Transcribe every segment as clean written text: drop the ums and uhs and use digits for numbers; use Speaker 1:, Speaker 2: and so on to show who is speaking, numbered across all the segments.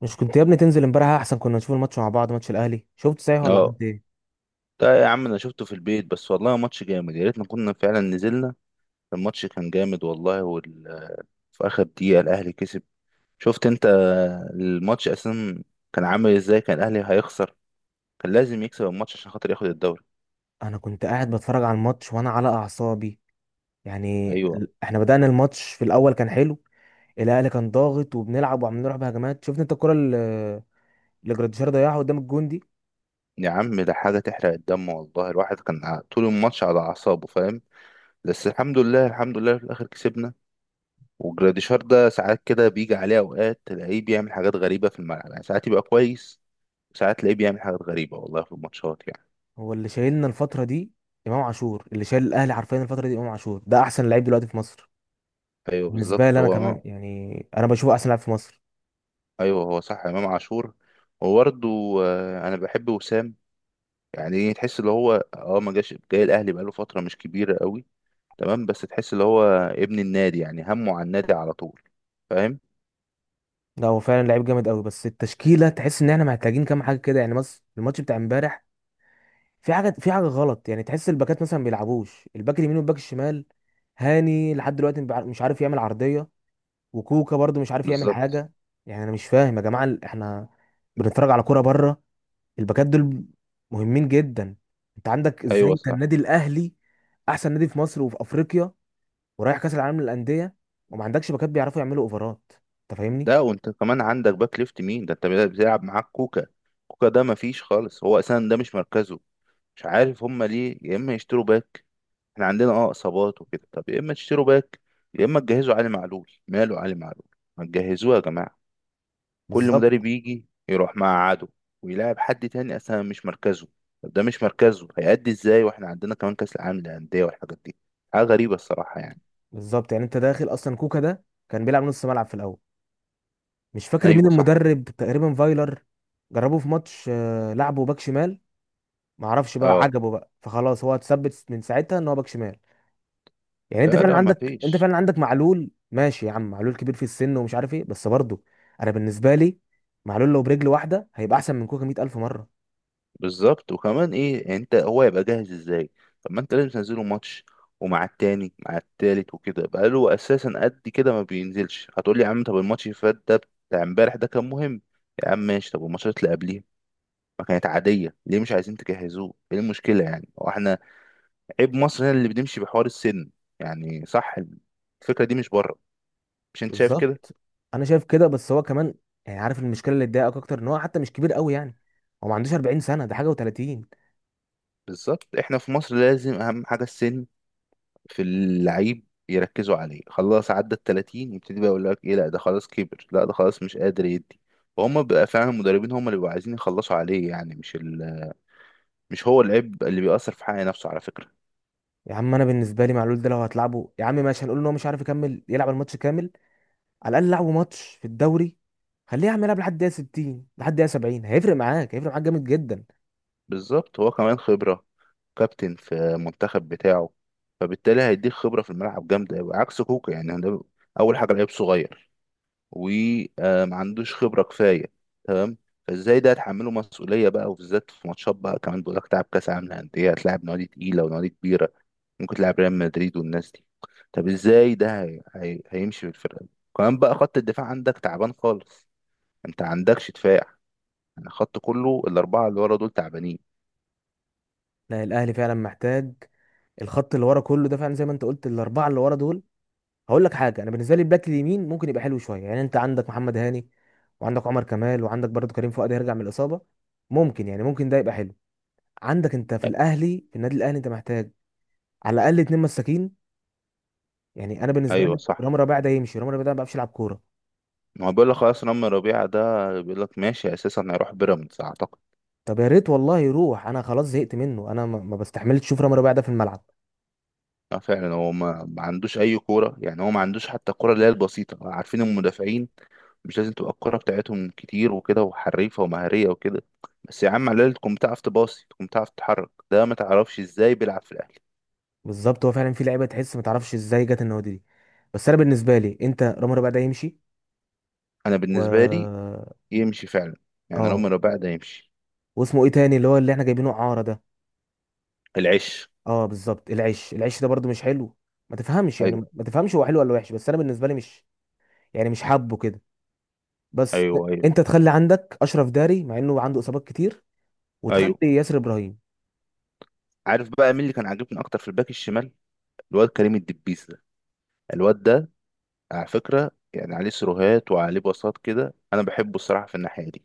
Speaker 1: مش كنت يا ابني تنزل امبارح؟ احسن كنا نشوف الماتش مع بعض، ماتش الاهلي. شفت، صحيح، ولا
Speaker 2: اه.
Speaker 1: عملت ايه؟
Speaker 2: ده يا عم انا شفته في البيت بس، والله ماتش جامد، يا ريتنا كنا فعلا نزلنا. الماتش كان جامد والله في اخر دقيقة الاهلي كسب. شفت انت الماتش اساسا كان عامل ازاي، كان الاهلي هيخسر، كان لازم يكسب الماتش عشان خاطر ياخد الدوري.
Speaker 1: انا كنت قاعد بتفرج على الماتش وانا على اعصابي. يعني
Speaker 2: ايوه،
Speaker 1: احنا بدأنا الماتش، في الاول كان حلو. الاهلي كان ضاغط وبنلعب وعمالين نروح بهجمات. شفت انت الكرة اللي جراديشار ضيعها قدام الجون دي؟
Speaker 2: يا عم ده حاجة تحرق الدم والله، الواحد كان طول الماتش على اعصابه، فاهم. بس الحمد لله الحمد لله في الاخر كسبنا. وجراديشار ده ساعات كده بيجي عليه اوقات تلاقيه بيعمل حاجات غريبة في الملعب، يعني ساعات يبقى كويس، ساعات تلاقيه بيعمل حاجات غريبة والله في الماتشات يعني.
Speaker 1: هو اللي شايلنا الفترة دي، امام عاشور اللي شايل الاهلي حرفيا الفترة دي. امام عاشور ده احسن لعيب دلوقتي في مصر.
Speaker 2: أيوه
Speaker 1: بالنسبة
Speaker 2: بالظبط
Speaker 1: لي انا
Speaker 2: هو.
Speaker 1: كمان، يعني انا بشوفه احسن لاعب في مصر.
Speaker 2: أيوه هو صح إمام عاشور، وبرده أنا بحب وسام، يعني إيه، تحس اللي هو ما جاش، جاي الأهلي بقاله فترة مش كبيرة قوي، تمام. بس تحس اللي هو ابن النادي، يعني همه على النادي على طول، فاهم.
Speaker 1: لا، هو فعلا لعيب جامد قوي، بس التشكيلة تحس ان احنا محتاجين كام حاجة كده يعني. بس الماتش بتاع امبارح في حاجه غلط يعني. تحس الباكات مثلا ما بيلعبوش، الباك اليمين والباك الشمال. هاني لحد دلوقتي مش عارف يعمل عرضيه. وكوكا برضو مش عارف يعمل
Speaker 2: بالظبط.
Speaker 1: حاجه. يعني انا مش فاهم يا جماعه، احنا بنتفرج على كوره بره، الباكات دول مهمين جدا. انت عندك ازاي
Speaker 2: أيوه
Speaker 1: انت
Speaker 2: صح.
Speaker 1: النادي الاهلي، احسن نادي في مصر وفي افريقيا، ورايح كاس العالم للانديه، وما عندكش باكات بيعرفوا يعملوا اوفرات؟ انت فاهمني.
Speaker 2: ده وأنت كمان عندك باك ليفت مين ده؟ أنت بتلعب معاك كوكا، كوكا ده مفيش خالص، هو أساسا ده مش مركزه. مش عارف هما ليه، يا إما يشتروا باك، احنا عندنا اصابات وكده، طب يا اما تشتروا باك، يا اما تجهزوا علي معلول، ماله علي معلول، ما تجهزوه يا جماعه. كل مدرب
Speaker 1: بالظبط.
Speaker 2: يجي يروح مع عدو، ويلاعب حد تاني اصلا مش مركزه. طب ده مش مركزه هيأدي ازاي، واحنا عندنا كمان كاس العالم للانديه والحاجات دي، حاجه غريبه الصراحه يعني.
Speaker 1: بالظبط، يعني انت داخل اصلا كوكا ده كان بيلعب نص ملعب في الاول. مش فاكر مين
Speaker 2: ايوه صح.
Speaker 1: المدرب، تقريبا فايلر. جربوه في ماتش، لعبه باك شمال. معرفش بقى،
Speaker 2: اه
Speaker 1: عجبه بقى، فخلاص هو اتثبت من ساعتها ان هو باك شمال. يعني انت
Speaker 2: لا
Speaker 1: فعلا
Speaker 2: لا ما
Speaker 1: عندك انت
Speaker 2: فيش.
Speaker 1: فعلا عندك معلول. ماشي يا عم، معلول كبير في السن ومش عارف ايه، بس برضه انا بالنسبه لي معلول لو برجل واحده هيبقى احسن من كوكا 100,000 مره.
Speaker 2: بالظبط، وكمان ايه يعني، انت هو يبقى جاهز ازاي؟ طب ما انت لازم تنزله ماتش، ومع التاني مع التالت وكده، بقاله اساسا قد كده ما بينزلش، هتقول لي يا عم طب الماتش اللي فات ده بتاع امبارح ده كان مهم، يا عم ماشي، طب والماتشات اللي قبليها ما كانت عادية، ليه مش عايزين تجهزوه؟ ايه المشكلة يعني، هو احنا عيب مصر هنا اللي بنمشي بحوار السن، يعني صح. الفكرة دي مش بره، مش انت شايف كده؟
Speaker 1: بالظبط. انا شايف كده، بس هو كمان يعني، عارف المشكله اللي اتضايقك اكتر ان هو حتى مش كبير قوي يعني، هو ما عندوش 40 سنه، ده حاجه، و30.
Speaker 2: بالظبط، احنا في مصر لازم اهم حاجة السن في اللعيب يركزوا عليه، خلاص عدى ال 30 يبتدي بقى يقول لك ايه، لا ده خلاص كبر، لا ده خلاص مش قادر يدي. وهم بقى فعلا المدربين هم اللي بيبقوا عايزين يخلصوا عليه، يعني مش هو العيب اللي بيأثر في حق نفسه على فكرة.
Speaker 1: يا عم انا بالنسبه لي معلول ده لو هتلعبه يا عم ماشي، هنقول ان هو مش عارف يكمل يلعب الماتش كامل. على الاقل لعبوا ماتش في الدوري، خليه يعمل يلعب لحد دقيقه 60، لحد دقيقه 70، هيفرق معاك جامد جدا.
Speaker 2: بالظبط هو كمان خبرة، كابتن في منتخب بتاعه، فبالتالي هيديك خبرة في الملعب جامدة أوي، عكس كوكا يعني ده أول حاجة لعيب صغير، وما عندوش خبرة كفاية، تمام. فازاي ده هتحمله مسؤولية بقى، وبالذات في ماتشات بقى، كمان بيقول لك تلعب كأس عالم للأندية، هتلاعب نوادي تقيلة ونوادي كبيرة، ممكن تلعب ريال مدريد والناس دي. طب ازاي ده هيمشي بالفرقة دي، كمان بقى خط الدفاع عندك تعبان خالص، انت عندكش دفاع، يعني خط كله الأربعة اللي ورا دول تعبانين.
Speaker 1: لا، الاهلي فعلا محتاج الخط اللي ورا كله ده. فعلا زي ما انت قلت، الاربعه اللي ورا دول. هقول لك حاجه، انا بالنسبه لي الباك اليمين ممكن يبقى حلو شويه، يعني انت عندك محمد هاني، وعندك عمر كمال، وعندك برضه كريم فؤاد هيرجع من الاصابه، ممكن، يعني ممكن ده يبقى حلو. عندك انت في الاهلي، في النادي الاهلي انت محتاج على الاقل اتنين مساكين. يعني انا بالنسبه
Speaker 2: ايوه
Speaker 1: لي
Speaker 2: صح،
Speaker 1: رامي ربيعه ده يمشي، رامي ربيعه ده ما بيعرفش يلعب كوره.
Speaker 2: ما هو بيقول لك خلاص رامي ربيعة ده، بيقول لك ماشي اساسا هيروح بيراميدز اعتقد.
Speaker 1: طب يا ريت والله يروح، انا خلاص زهقت منه، انا ما بستحملش اشوف رامي ربيعه ده في الملعب.
Speaker 2: اه فعلا هو ما عندوش اي كوره، يعني هو ما عندوش حتى الكوره اللي هي البسيطه، عارفين المدافعين مش لازم تبقى الكوره بتاعتهم كتير وكده وحريفه ومهاريه وكده، بس يا عم على الاقل تكون بتعرف تباصي، تكون بتعرف تتحرك، ده ما تعرفش ازاي بيلعب في الاهلي.
Speaker 1: بالظبط، هو فعلا في لعيبه تحس ما تعرفش ازاي جت النوادي دي. بس انا بالنسبه لي انت، رامي ربيعه ده يمشي،
Speaker 2: انا بالنسبه لي
Speaker 1: و
Speaker 2: يمشي فعلا، يعني لو
Speaker 1: اه
Speaker 2: مربع ده يمشي.
Speaker 1: واسمه ايه تاني اللي هو اللي احنا جايبينه اعاره ده؟
Speaker 2: العش.
Speaker 1: اه بالظبط، العش ده برضو مش حلو، ما تفهمش،
Speaker 2: ايوه
Speaker 1: هو حلو ولا وحش، بس انا بالنسبه لي مش حابه كده، بس
Speaker 2: ايوه ايوه
Speaker 1: انت تخلي عندك اشرف داري مع انه عنده اصابات كتير، وتخلي
Speaker 2: ايوه.
Speaker 1: ياسر ابراهيم.
Speaker 2: عارف بقى مين اللي كان عاجبني اكتر في الباك الشمال؟ الواد كريم الدبيس ده، الواد ده على فكره، يعني عليه سيروهات وعليه باصات كده، انا بحبه الصراحه في الناحيه دي،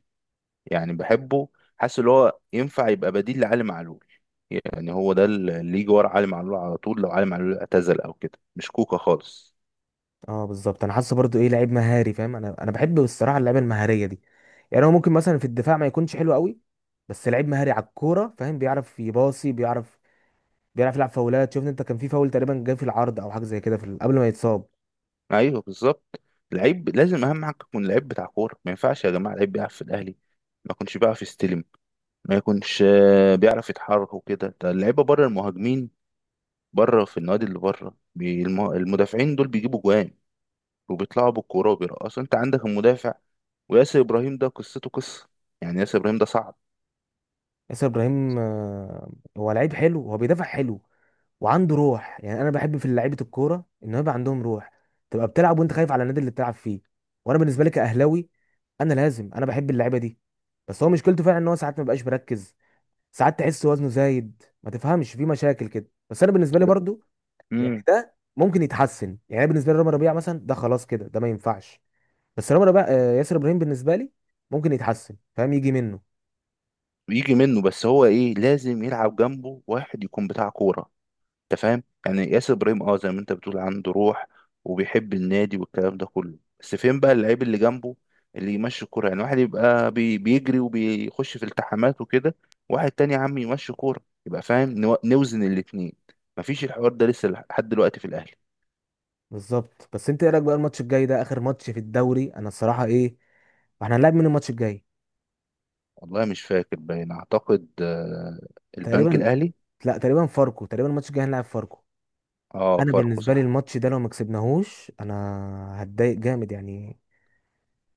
Speaker 2: يعني بحبه. حاسس اللي هو ينفع يبقى بديل لعلي معلول، يعني هو ده اللي يجي ورا علي معلول على طول، لو علي معلول اعتزل او كده، مش كوكا خالص.
Speaker 1: اه بالظبط، انا حاسه برضو ايه، لعيب مهاري فاهم. انا بحب الصراحه اللعيبه المهاريه دي. يعني هو ممكن مثلا في الدفاع ما يكونش حلو قوي، بس لعيب مهاري على الكوره فاهم، بيعرف يباصي، بيعرف يلعب فاولات. شفت انت، كان في فاول تقريبا جاي في العرض او حاجه زي كده، في قبل ما يتصاب.
Speaker 2: ايوه بالظبط. لعيب لازم اهم حاجه يكون لعيب بتاع كوره، ما ينفعش يا جماعه لعيب بيلعب في الاهلي ما يكونش بيعرف يستلم، ما يكونش بيعرف يتحرك وكده. ده اللعيبه بره المهاجمين، بره في النادي اللي بره المدافعين دول بيجيبوا جوان، وبيطلعوا بالكوره وبيرقصوا، انت عندك المدافع وياسر ابراهيم ده قصته قصه، يعني ياسر ابراهيم ده صعب
Speaker 1: ياسر ابراهيم، هو لعيب حلو، هو بيدافع حلو وعنده روح. يعني انا بحب في لعيبه الكوره ان هو يبقى عندهم روح، تبقى بتلعب وانت خايف على النادي اللي بتلعب فيه، وانا بالنسبه لي كاهلاوي، انا بحب اللعيبه دي. بس هو مشكلته فعلا ان هو ساعات ما بقاش مركز، ساعات تحس وزنه زايد، ما تفهمش في مشاكل كده، بس انا بالنسبه لي برضو يعني ده ممكن يتحسن. يعني أنا بالنسبه لي رامي ربيعه مثلا ده خلاص كده، ده ما ينفعش، بس رامي ربيعه، ياسر ابراهيم بالنسبه لي ممكن يتحسن فاهم، يجي منه.
Speaker 2: يجي منه، بس هو ايه لازم يلعب جنبه واحد يكون بتاع كوره. انت فاهم، يعني ياسر ابراهيم زي ما انت بتقول عنده روح، وبيحب النادي والكلام ده كله، بس فين بقى اللعيب اللي جنبه، اللي يمشي الكوره، يعني واحد يبقى بيجري وبيخش في التحامات وكده، واحد تاني يا عم يمشي كوره، يبقى فاهم نوزن الاتنين. مفيش الحوار ده لسه لحد دلوقتي في الاهلي.
Speaker 1: بالظبط. بس انت ايه رايك بقى الماتش الجاي ده، اخر ماتش في الدوري؟ انا الصراحه ايه، احنا هنلعب من الماتش الجاي
Speaker 2: والله مش فاكر، باين اعتقد البنك
Speaker 1: تقريبا،
Speaker 2: الاهلي.
Speaker 1: لا، تقريبا فاركو، تقريبا الماتش الجاي هنلعب فاركو.
Speaker 2: اه
Speaker 1: انا
Speaker 2: فاركو
Speaker 1: بالنسبه لي
Speaker 2: صح.
Speaker 1: الماتش ده لو ما كسبناهوش انا هتضايق جامد يعني.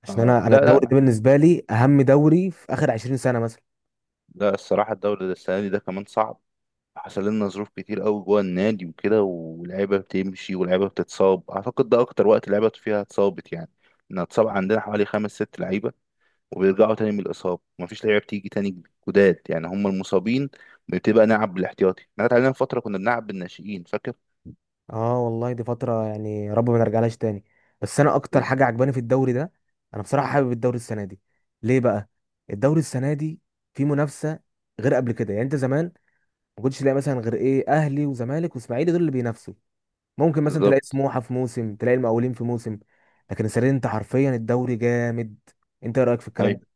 Speaker 1: عشان
Speaker 2: اه
Speaker 1: انا
Speaker 2: لا
Speaker 1: الدوري
Speaker 2: لا.
Speaker 1: ده بالنسبه لي اهم دوري في اخر 20 سنه مثلا.
Speaker 2: لا الصراحه الدوري ده السنه دي ده كمان صعب، حصل لنا ظروف كتير قوي جوه النادي وكده، ولعيبه بتمشي ولعيبه بتتصاب، اعتقد ده اكتر وقت لعيبه فيها اتصابت، يعني ان اتصاب عندنا حوالي 5 6 لعيبه، وبيرجعوا تاني من الاصابه ومفيش لعيبه بتيجي تاني جداد، يعني هم المصابين بتبقى نلعب بالاحتياطي، احنا اتعلمنا فتره كنا بنلعب بالناشئين، فاكر.
Speaker 1: اه والله، دي فترة، يعني يا رب ما نرجعلهاش تاني. بس انا اكتر
Speaker 2: بز-
Speaker 1: حاجة عجباني في الدوري ده، انا بصراحة حابب الدوري السنة دي. ليه بقى؟ الدوري السنة دي في منافسة غير قبل كده، يعني انت زمان ما كنتش تلاقي مثلا غير ايه، اهلي وزمالك واسماعيلي، دول اللي بينافسوا. ممكن مثلا تلاقي
Speaker 2: بالظبط.
Speaker 1: سموحة في موسم، تلاقي المقاولين في موسم، لكن السنة دي انت حرفيا الدوري جامد. انت ايه رأيك في الكلام
Speaker 2: ايوه.
Speaker 1: ده؟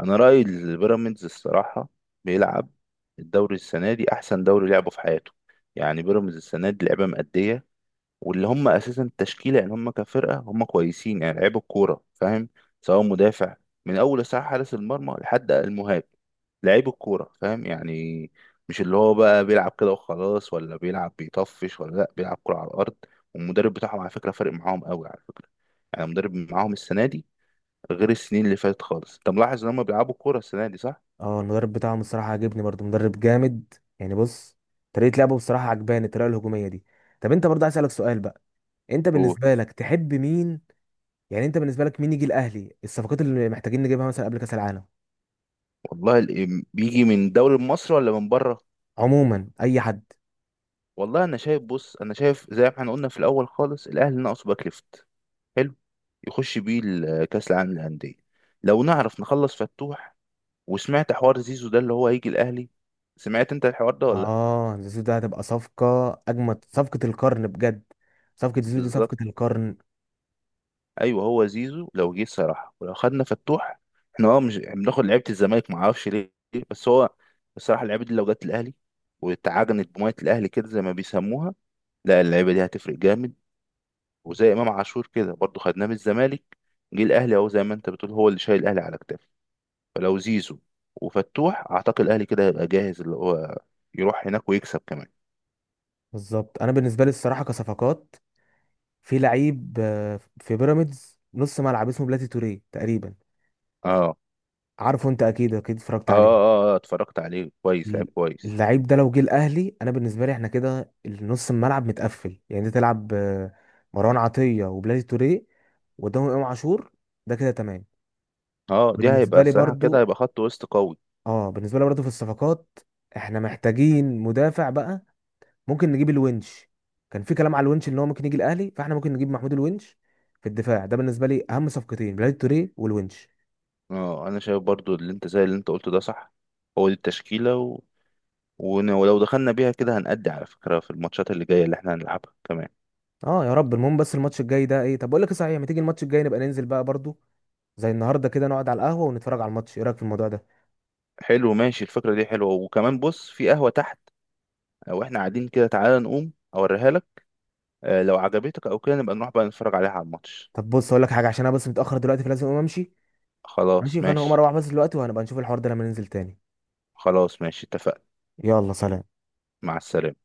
Speaker 2: انا رايي البيراميدز الصراحه بيلعب الدوري السنه دي احسن دوري لعبه في حياته، يعني بيراميدز السنه دي لعبه مأديه، واللي هم اساسا التشكيله يعني هم كفرقه هم كويسين، يعني لعيب الكوره فاهم، سواء مدافع من اول ساعه حارس المرمى لحد المهاجم، لعيب الكوره فاهم يعني، مش اللي هو بقى بيلعب كده وخلاص ولا بيلعب بيطفش ولا لا بيلعب كوره على الارض. والمدرب بتاعهم على فكره فارق معاهم قوي، على فكره يعني المدرب معاهم السنه دي غير السنين اللي فاتت خالص، انت ملاحظ ان هم بيلعبوا كوره السنه دي صح؟
Speaker 1: اه المدرب بتاعهم الصراحة عاجبني برضو، مدرب جامد. يعني بص، طريقة لعبه بصراحة عجباني، الطريقة الهجومية دي. طب انت برضه عايز اسألك سؤال بقى، انت
Speaker 2: قول.
Speaker 1: بالنسبه لك تحب مين؟ يعني انت بالنسبه لك مين يجي الاهلي، الصفقات اللي محتاجين نجيبها مثلا قبل كاس العالم؟
Speaker 2: والله بيجي من دوري مصر ولا من بره؟
Speaker 1: عموما اي حد.
Speaker 2: والله انا شايف، بص انا شايف زي ما احنا قلنا في الاول خالص الاهلي ناقصه باك ليفت، حلو يخش بيه كاس العالم للانديه، لو نعرف نخلص فتوح، وسمعت حوار زيزو ده اللي هو هيجي الاهلي، سمعت انت الحوار ده ولا لا؟
Speaker 1: اه، زيزو ده هتبقى صفقه، اجمد صفقه القرن بجد، صفقه زيزو دي صفقه
Speaker 2: بالظبط.
Speaker 1: القرن.
Speaker 2: ايوه هو زيزو لو جه الصراحه، ولو خدنا فتوح، احنا مش بناخد لعيبه الزمالك ما اعرفش ليه، بس هو الصراحه اللعيبه دي لو جت الاهلي، واتعجنت بميه الاهلي كده زي ما بيسموها، لا اللعيبه دي هتفرق جامد، وزي امام عاشور كده برضه خدناه من الزمالك، جه الاهلي اهو، زي ما انت بتقول هو اللي شايل الاهلي على كتافه، فلو زيزو وفتوح اعتقد الاهلي كده هيبقى جاهز اللي هو يروح هناك ويكسب كمان.
Speaker 1: بالظبط. انا بالنسبه لي الصراحه كصفقات، في لعيب، في بيراميدز نص ملعب اسمه بلاتي توريه تقريبا،
Speaker 2: اه اه.
Speaker 1: عارفه انت اكيد اكيد اتفرجت
Speaker 2: اه,
Speaker 1: عليه.
Speaker 2: آه اتفرجت عليه كويس، لعب
Speaker 1: ال-
Speaker 2: كويس.
Speaker 1: اللعيب ده لو جه الاهلي، انا بالنسبه لي احنا كده نص الملعب متقفل، يعني انت تلعب مروان عطيه وبلاتي توريه، وقدامهم امام عاشور، ده كده تمام.
Speaker 2: اه دي هيبقى
Speaker 1: بالنسبه لي
Speaker 2: الصراحه كده،
Speaker 1: برضو
Speaker 2: هيبقى خط وسط قوي.
Speaker 1: اه بالنسبه لي برضو في الصفقات احنا محتاجين مدافع بقى. ممكن نجيب الونش، كان في كلام على الونش ان هو ممكن يجي الاهلي، فاحنا ممكن نجيب محمود الونش في الدفاع. ده بالنسبه لي اهم صفقتين، بلاتي توريه والونش.
Speaker 2: اه انا شايف برضو اللي انت، زي اللي انت قلته ده صح، هو دي التشكيله ولو دخلنا بيها كده هنأدي على فكره في الماتشات اللي جايه اللي احنا هنلعبها كمان.
Speaker 1: اه يا رب، المهم بس الماتش الجاي ده ايه. طب بقول لك إيه صحيح، ما تيجي الماتش الجاي نبقى ننزل بقى برضو، زي النهارده كده، نقعد على القهوه ونتفرج على الماتش؟ ايه رايك في الموضوع ده؟
Speaker 2: حلو ماشي، الفكره دي حلوه، وكمان بص في قهوه تحت، لو احنا قاعدين كده تعالى نقوم اوريها لك، لو عجبتك او كده نبقى نروح بقى نتفرج عليها على الماتش.
Speaker 1: طب بص، اقول لك حاجه، عشان انا بس متاخر دلوقتي، فلازم اقوم امشي.
Speaker 2: خلاص
Speaker 1: ماشي، فانا هقوم
Speaker 2: ماشي.
Speaker 1: اروح بس دلوقتي، وهنبقى نشوف الحوار ده لما ننزل تاني.
Speaker 2: خلاص ماشي اتفقنا.
Speaker 1: يلا سلام.
Speaker 2: مع السلامة.